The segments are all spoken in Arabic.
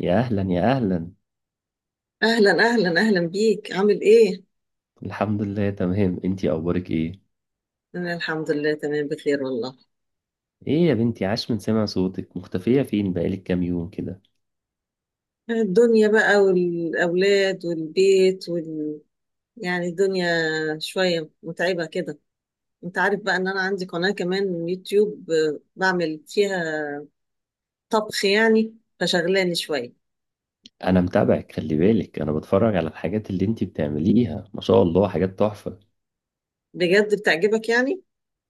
يا اهلا يا اهلا. أهلا أهلا أهلا بيك، عامل إيه؟ الحمد لله تمام، انتي اخبارك ايه؟ أنا الحمد لله تمام، بخير والله. ايه يا بنتي، عاش من سمع صوتك، مختفية فين بقالك كام يوم كده؟ الدنيا بقى والأولاد والبيت يعني الدنيا شوية متعبة كده. أنت عارف بقى إن أنا عندي قناة كمان يوتيوب، بعمل فيها طبخ، يعني فشغلاني شوية. انا متابعك، خلي بالك، انا بتفرج على الحاجات اللي انتي بتعمليها، ما شاء الله، حاجات تحفة. بجد بتعجبك يعني؟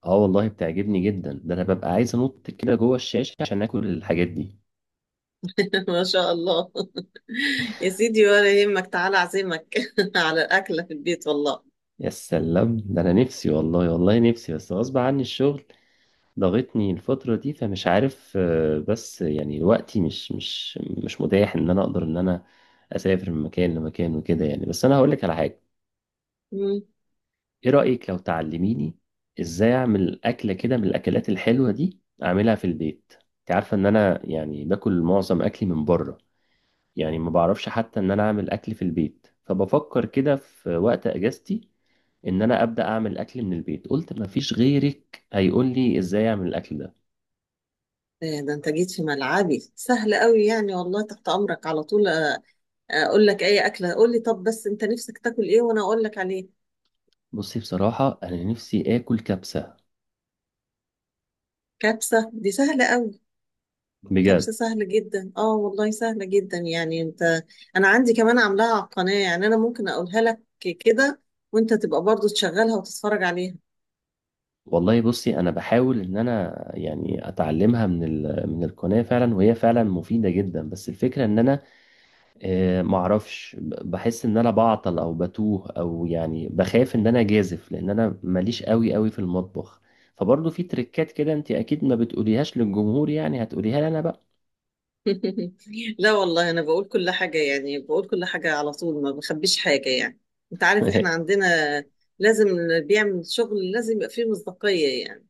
اه والله بتعجبني جدا، ده انا ببقى عايز انط كده جوه الشاشة عشان اكل الحاجات دي. ما شاء الله. يا سيدي، ولا يهمك، تعالى أعزمك على أكلة في البيت والله. يا سلام، ده انا نفسي والله، والله نفسي، بس غصب عني الشغل ضاغطني الفترة دي، فمش عارف، بس يعني وقتي مش مش متاح ان انا اقدر ان انا اسافر من مكان لمكان وكده يعني. بس انا هقول لك على حاجة، مم. ايه رأيك لو تعلميني ازاي اعمل اكلة كده من الاكلات الحلوة دي، اعملها في البيت. انت عارفة ان انا يعني باكل معظم اكلي من بره، يعني ما بعرفش حتى ان انا اعمل اكل في البيت، فبفكر كده في وقت اجازتي ان انا ابدا اعمل اكل من البيت. قلت ما فيش غيرك هيقول لي ازاي اعمل الاكل ده. إيه ده، أنت جيت في ملعبي سهل قوي يعني، والله تحت أمرك على طول. اقول لك اي اكله، قول لي. طب بس انت نفسك تاكل ايه وانا اقول لك عليه. بصي، بصراحة أنا نفسي آكل كبسة. كبسه دي سهله قوي. كبسه بجد. سهله جدا، اه والله سهله جدا يعني. انت انا عندي كمان عاملاها على القناه، يعني انا ممكن اقولها لك كده وانت تبقى برضو تشغلها وتتفرج عليها. والله بصي أنا بحاول إن أنا يعني أتعلمها من القناة فعلا، وهي فعلا مفيدة جدا، بس الفكرة إن أنا، معرفش، بحس إن أنا بعطل أو بتوه، أو يعني بخاف إن أنا جازف، لأن أنا ماليش قوي قوي في المطبخ. فبرضه في تريكات كده أنت أكيد ما بتقوليهاش للجمهور، يعني هتقوليها لي أنا بقى. لا والله، انا بقول كل حاجه، يعني بقول كل حاجه على طول، ما بخبيش حاجه يعني. انت عارف احنا عندنا لازم اللي بيعمل شغل لازم يبقى فيه مصداقيه يعني.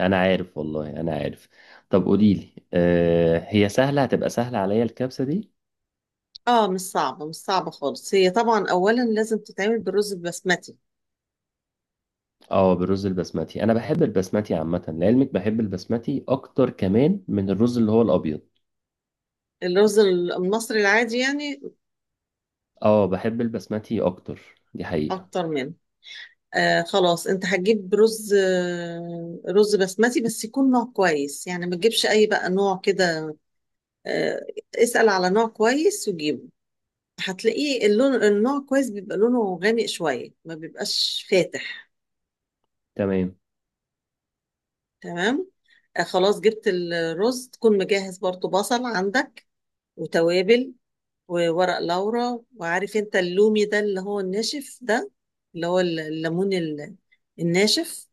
أنا عارف، والله أنا عارف. طب قوليلي، هي سهلة؟ هتبقى سهلة عليا الكبسة دي؟ اه، مش صعبه مش صعبه خالص. هي طبعا اولا لازم تتعمل بالرز البسمتي، اه بالرز البسمتي، انا بحب البسمتي عامه لعلمك، بحب البسمتي اكتر كمان من الرز اللي هو الابيض. الرز المصري العادي يعني اه بحب البسمتي اكتر، دي حقيقه. اكتر منه. آه خلاص، انت هتجيب رز، رز بسمتي، بس يكون نوع كويس يعني، ما تجيبش اي بقى نوع كده. آه، اسأل على نوع كويس وجيبه. هتلاقيه اللون، النوع كويس بيبقى لونه غامق شوية، ما بيبقاش فاتح. تمام. تمام. آه خلاص، جبت الرز، تكون مجهز برضو بصل عندك وتوابل وورق لورا. وعارف انت اللومي ده اللي هو الناشف ده، اللي هو الليمون الناشف.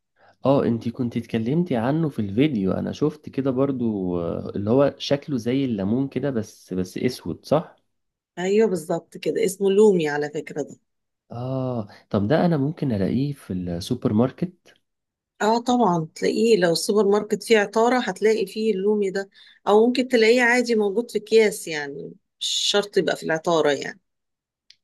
اه انتي كنتي اتكلمتي عنه في الفيديو، انا شفت كده برضو، اللي هو شكله زي الليمون كده، بس بس اسود، صح؟ ايوه بالظبط كده، اسمه لومي على فكرة ده. اه طب ده انا ممكن الاقيه في السوبر ماركت؟ اه طبعا تلاقيه، لو السوبر ماركت فيه عطارة هتلاقي فيه اللومي ده، او ممكن تلاقيه عادي موجود في اكياس يعني، مش شرط يبقى في العطارة يعني.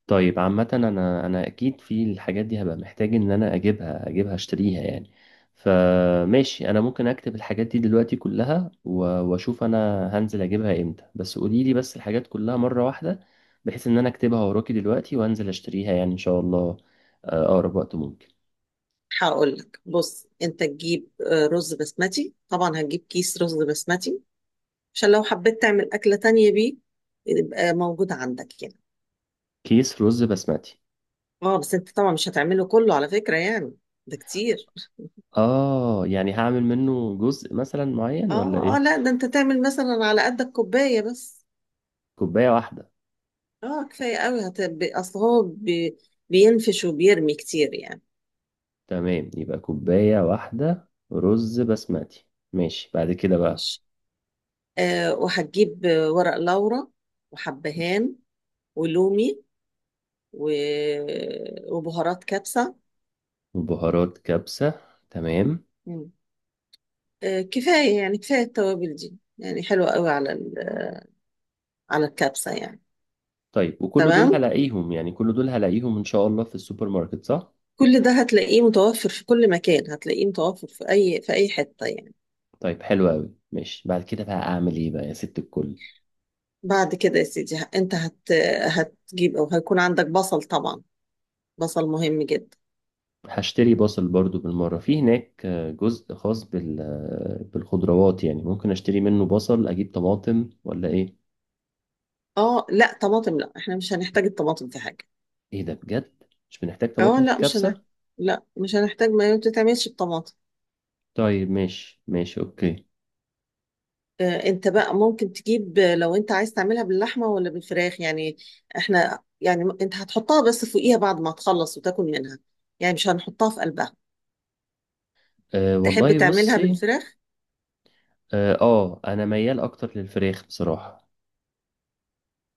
طيب عامة انا، انا اكيد في الحاجات دي هبقى محتاج ان انا اجيبها، اجيبها اشتريها يعني. فماشي، انا ممكن اكتب الحاجات دي دلوقتي كلها واشوف انا هنزل اجيبها امتى. بس قولي لي بس الحاجات كلها مرة واحدة، بحيث ان انا اكتبها وراكي دلوقتي وانزل اشتريها يعني، ان شاء الله اقرب وقت ممكن. هقول لك، بص، انت تجيب رز بسمتي. طبعا هتجيب كيس رز بسمتي عشان لو حبيت تعمل أكلة تانية بيه يبقى موجود عندك يعني. كيس رز بسمتي؟ اه بس انت طبعا مش هتعمله كله على فكرة يعني، ده كتير. اه يعني هعمل منه جزء مثلا معين ولا اه اه ايه؟ لا، ده انت تعمل مثلا على قدك كوباية بس. كوباية واحدة. اه كفاية قوي، اصل هو بينفش وبيرمي كتير يعني. تمام، يبقى كوباية واحدة رز بسمتي. ماشي، بعد كده بقى؟ مش. آه وهتجيب ورق لورا وحبهان ولومي و... وبهارات كبسة. وبهارات كبسة. تمام. مم. آه كفاية يعني، كفاية التوابل دي، يعني حلوة قوي على على الكبسة يعني. طيب وكل دول تمام. هلاقيهم، يعني كل دول هلاقيهم إن شاء الله في السوبر ماركت، صح؟ كل ده هتلاقيه متوفر في كل مكان، هتلاقيه متوفر في اي حتة يعني. طيب حلو أوي، ماشي. بعد كده بقى أعمل إيه بقى يا ست الكل؟ بعد كده يا سيدي، انت هتجيب او هيكون عندك بصل طبعا، بصل مهم جدا. هشتري بصل برضو بالمرة، في هناك جزء خاص بال، بالخضروات يعني، ممكن أشتري منه بصل، أجيب طماطم ولا إيه؟ اه لا، طماطم لا، احنا مش هنحتاج الطماطم في حاجه. إيه ده بجد؟ مش بنحتاج اه طماطم في لا مش هنحتاج، الكبسة؟ لا مش هنحتاج، ما بتتعملش بطماطم. طيب ماشي ماشي، أوكي. آه انت بقى ممكن تجيب، لو انت عايز تعملها باللحمه ولا بالفراخ يعني. احنا يعني انت هتحطها بس فوقيها بعد ما تخلص وتاكل منها، يعني مش هنحطها في قلبها. أه تحب والله تعملها بصي. بالفراخ؟ اه انا ميال اكتر للفراخ بصراحة.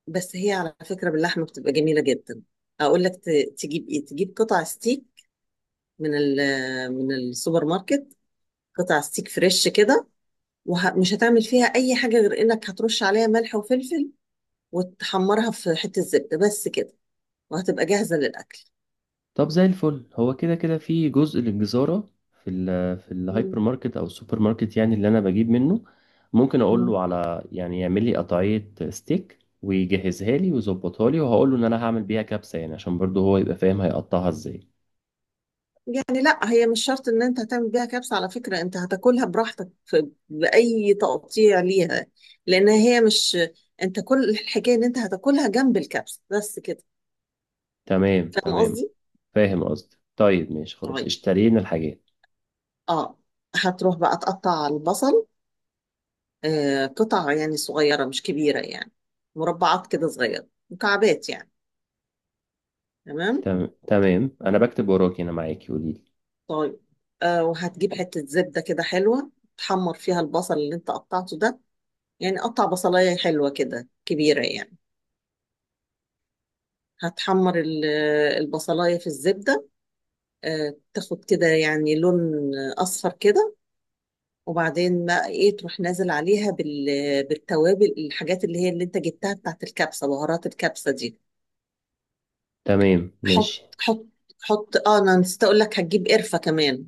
بس هي على فكره باللحمه بتبقى جميله جدا. اقول لك، تجيب ايه؟ تجيب قطع ستيك من من السوبر ماركت. قطع ستيك فريش كده، ومش هتعمل فيها اي حاجه غير انك هترش عليها ملح وفلفل وتحمرها في حته زبده بس كده، وهتبقى جاهزه للاكل. طب زي الفل، هو كده كده في جزء للجزارة في ال، في الهايبر مم. ماركت او السوبر ماركت يعني، اللي انا بجيب منه، ممكن اقول مم. له على يعني يعمل لي قطعية ستيك ويجهزها لي ويظبطها لي، وهقول له ان انا هعمل بيها كبسة، يعني عشان برضه هو يبقى فاهم هيقطعها ازاي. يعني لا هي مش شرط ان انت هتعمل بيها كبسه على فكره، انت هتاكلها براحتك في باي تقطيع ليها، لان هي مش، انت كل الحكايه ان انت هتاكلها جنب الكبسه بس كده. تمام فاهم تمام، قصدي؟ فاهم قصدي. طيب ماشي، خلاص طيب. اشترينا الحاجات. اه. هتروح بقى تقطع البصل، قطع يعني صغيرة مش كبيرة يعني، مربعات كده صغيرة، مكعبات يعني. تمام. تمام، انا بكتب وراكي، انا معاكي، قولي لي. طيب. آه وهتجيب حتة زبدة كده حلوة، تحمر فيها البصل اللي انت قطعته ده. يعني قطع بصلاية حلوة كده كبيرة يعني، هتحمر البصلاية في الزبدة. آه تاخد كده يعني لون أصفر كده، وبعدين ما ايه، تروح نازل عليها بالتوابل، الحاجات اللي هي اللي انت جبتها بتاعت الكبسة، بهارات الكبسة دي. تمام حط ماشي. حط. حط، انا نسيت اقول لك، هتجيب قرفة كمان.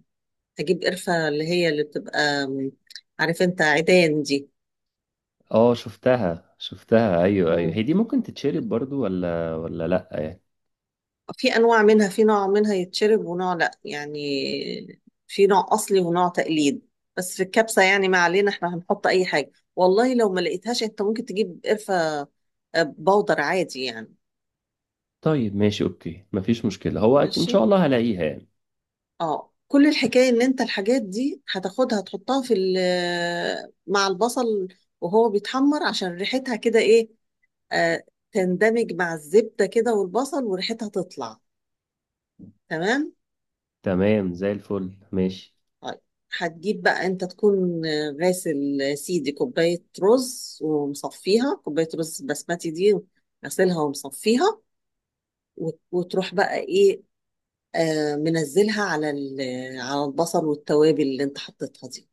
هجيب قرفة اللي هي اللي بتبقى عارف انت عيدان دي. اه شفتها شفتها، ايوه ايوه مم. هي دي. ممكن تتشرب برضو ولا ولا لا؟ في انواع منها، في نوع منها يتشرب ونوع لا يعني. في نوع اصلي ونوع تقليد. بس في الكبسة يعني ما علينا، احنا هنحط اي حاجة والله. لو ما لقيتهاش انت ممكن تجيب قرفة بودر عادي يعني. طيب ماشي اوكي، مفيش مشكلة، ان شاء ماشي. الله هلاقيها يعني. اه، كل الحكاية ان انت الحاجات دي هتاخدها تحطها في مع البصل وهو بيتحمر، عشان ريحتها كده ايه، آه تندمج مع الزبدة كده والبصل وريحتها تطلع. تمام. تمام زي الفل، ماشي. طيب. هتجيب بقى انت، تكون غاسل سيدي كوباية رز ومصفيها، كوباية رز بسمتي دي غسلها ومصفيها، وتروح بقى ايه، آه منزلها على على البصل والتوابل اللي انت حطيتها دي.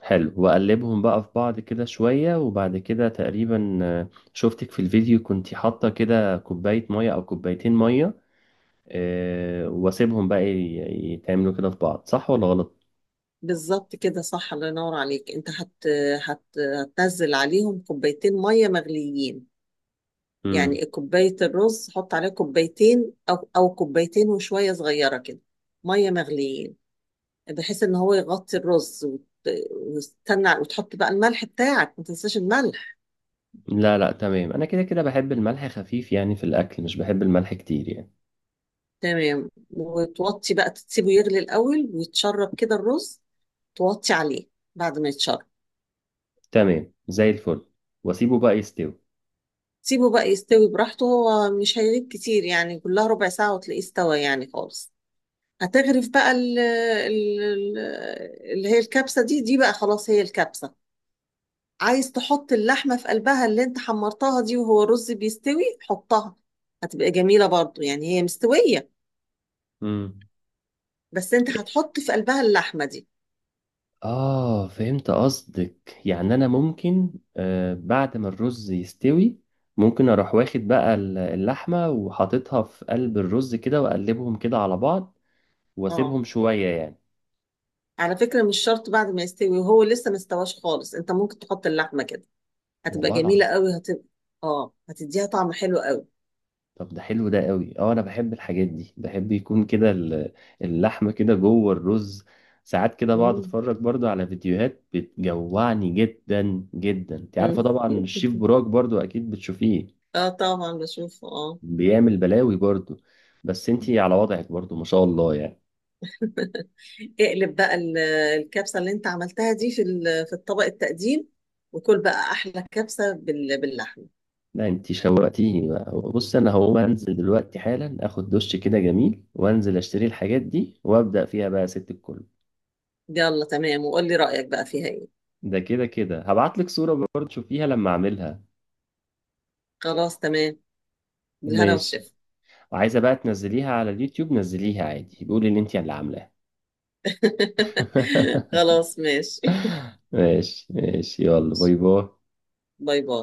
حلو، وأقلبهم بقى في بعض كده شوية، وبعد كده تقريبا، شفتك في الفيديو كنتي حاطة كده كوباية مية أو كوبايتين مية، وأسيبهم بقى يتعملوا كده في بعض، صح ولا غلط؟ بالظبط كده صح، الله ينور عليك. انت هت... هتنزل عليهم كوبايتين ميه مغليين. مم. يعني كوبايه الرز حط عليها كوبايتين او كوبايتين وشويه صغيره كده، ميه مغليين، بحيث ان هو يغطي الرز وتستنى وتحط بقى الملح بتاعك، ما تنساش الملح. لا لا تمام، أنا كده كده بحب الملح خفيف يعني في الأكل، مش بحب الملح كتير يعني. تمام، وتوطي بقى، تسيبه يغلي الاول ويتشرب كده الرز، توطي عليه بعد ما يتشرب. تمام زي الفل، وأسيبه بقى يستوي. سيبه بقى يستوي براحته، هو مش هيغيب كتير يعني، كلها ربع ساعة وتلاقيه استوى يعني خالص. هتغرف بقى ال ال ال اللي هي الكبسة دي، بقى خلاص هي الكبسة. عايز تحط اللحمة في قلبها اللي انت حمرتها دي وهو الرز بيستوي، حطها، هتبقى جميلة برضو يعني، هي مستوية، مم. بس انت هتحط في قلبها اللحمة دي. آه فهمت قصدك، يعني أنا ممكن آه بعد ما الرز يستوي، ممكن أروح واخد بقى اللحمة وحاططها في قلب الرز كده، وأقلبهم كده على بعض اه وأسيبهم شوية يعني. على فكرة، مش شرط بعد ما يستوي، وهو لسه مستواش خالص انت ممكن تحط اللحمة كده، هتبقى والله العظيم. جميلة قوي. اه هتديها طعم حلو قوي. طب ده حلو، ده قوي. اه انا بحب الحاجات دي، بحب يكون كده اللحمه كده جوه الرز. ساعات كده بقعد مم. اتفرج برضو على فيديوهات بتجوعني جدا جدا، انت عارفه مم. طبعا الشيف براك برضو، اكيد بتشوفيه. اه طبعا بشوفه اه. بيعمل بلاوي برضو، بس انتي على وضعك برضو ما شاء الله يعني. اقلب بقى الكبسة اللي انت عملتها دي في في الطبق التقديم، وكل بقى احلى كبسة باللحمة. لا انتي شوقتيني بقى، بص انا هقوم انزل دلوقتي حالا، اخد دش كده جميل وانزل اشتري الحاجات دي وابدا فيها بقى يا ست الكل. يلا تمام، وقول لي رأيك بقى فيها ايه. ده كده كده هبعت لك صورة برضو تشوفيها لما اعملها. خلاص تمام، بالهنا ماشي. والشفا. وعايزة بقى تنزليها على اليوتيوب، نزليها عادي، قولي ان انتي اللي عاملاها. خلاص ماشي. ماشي ماشي، يلا باي باي. باي باي.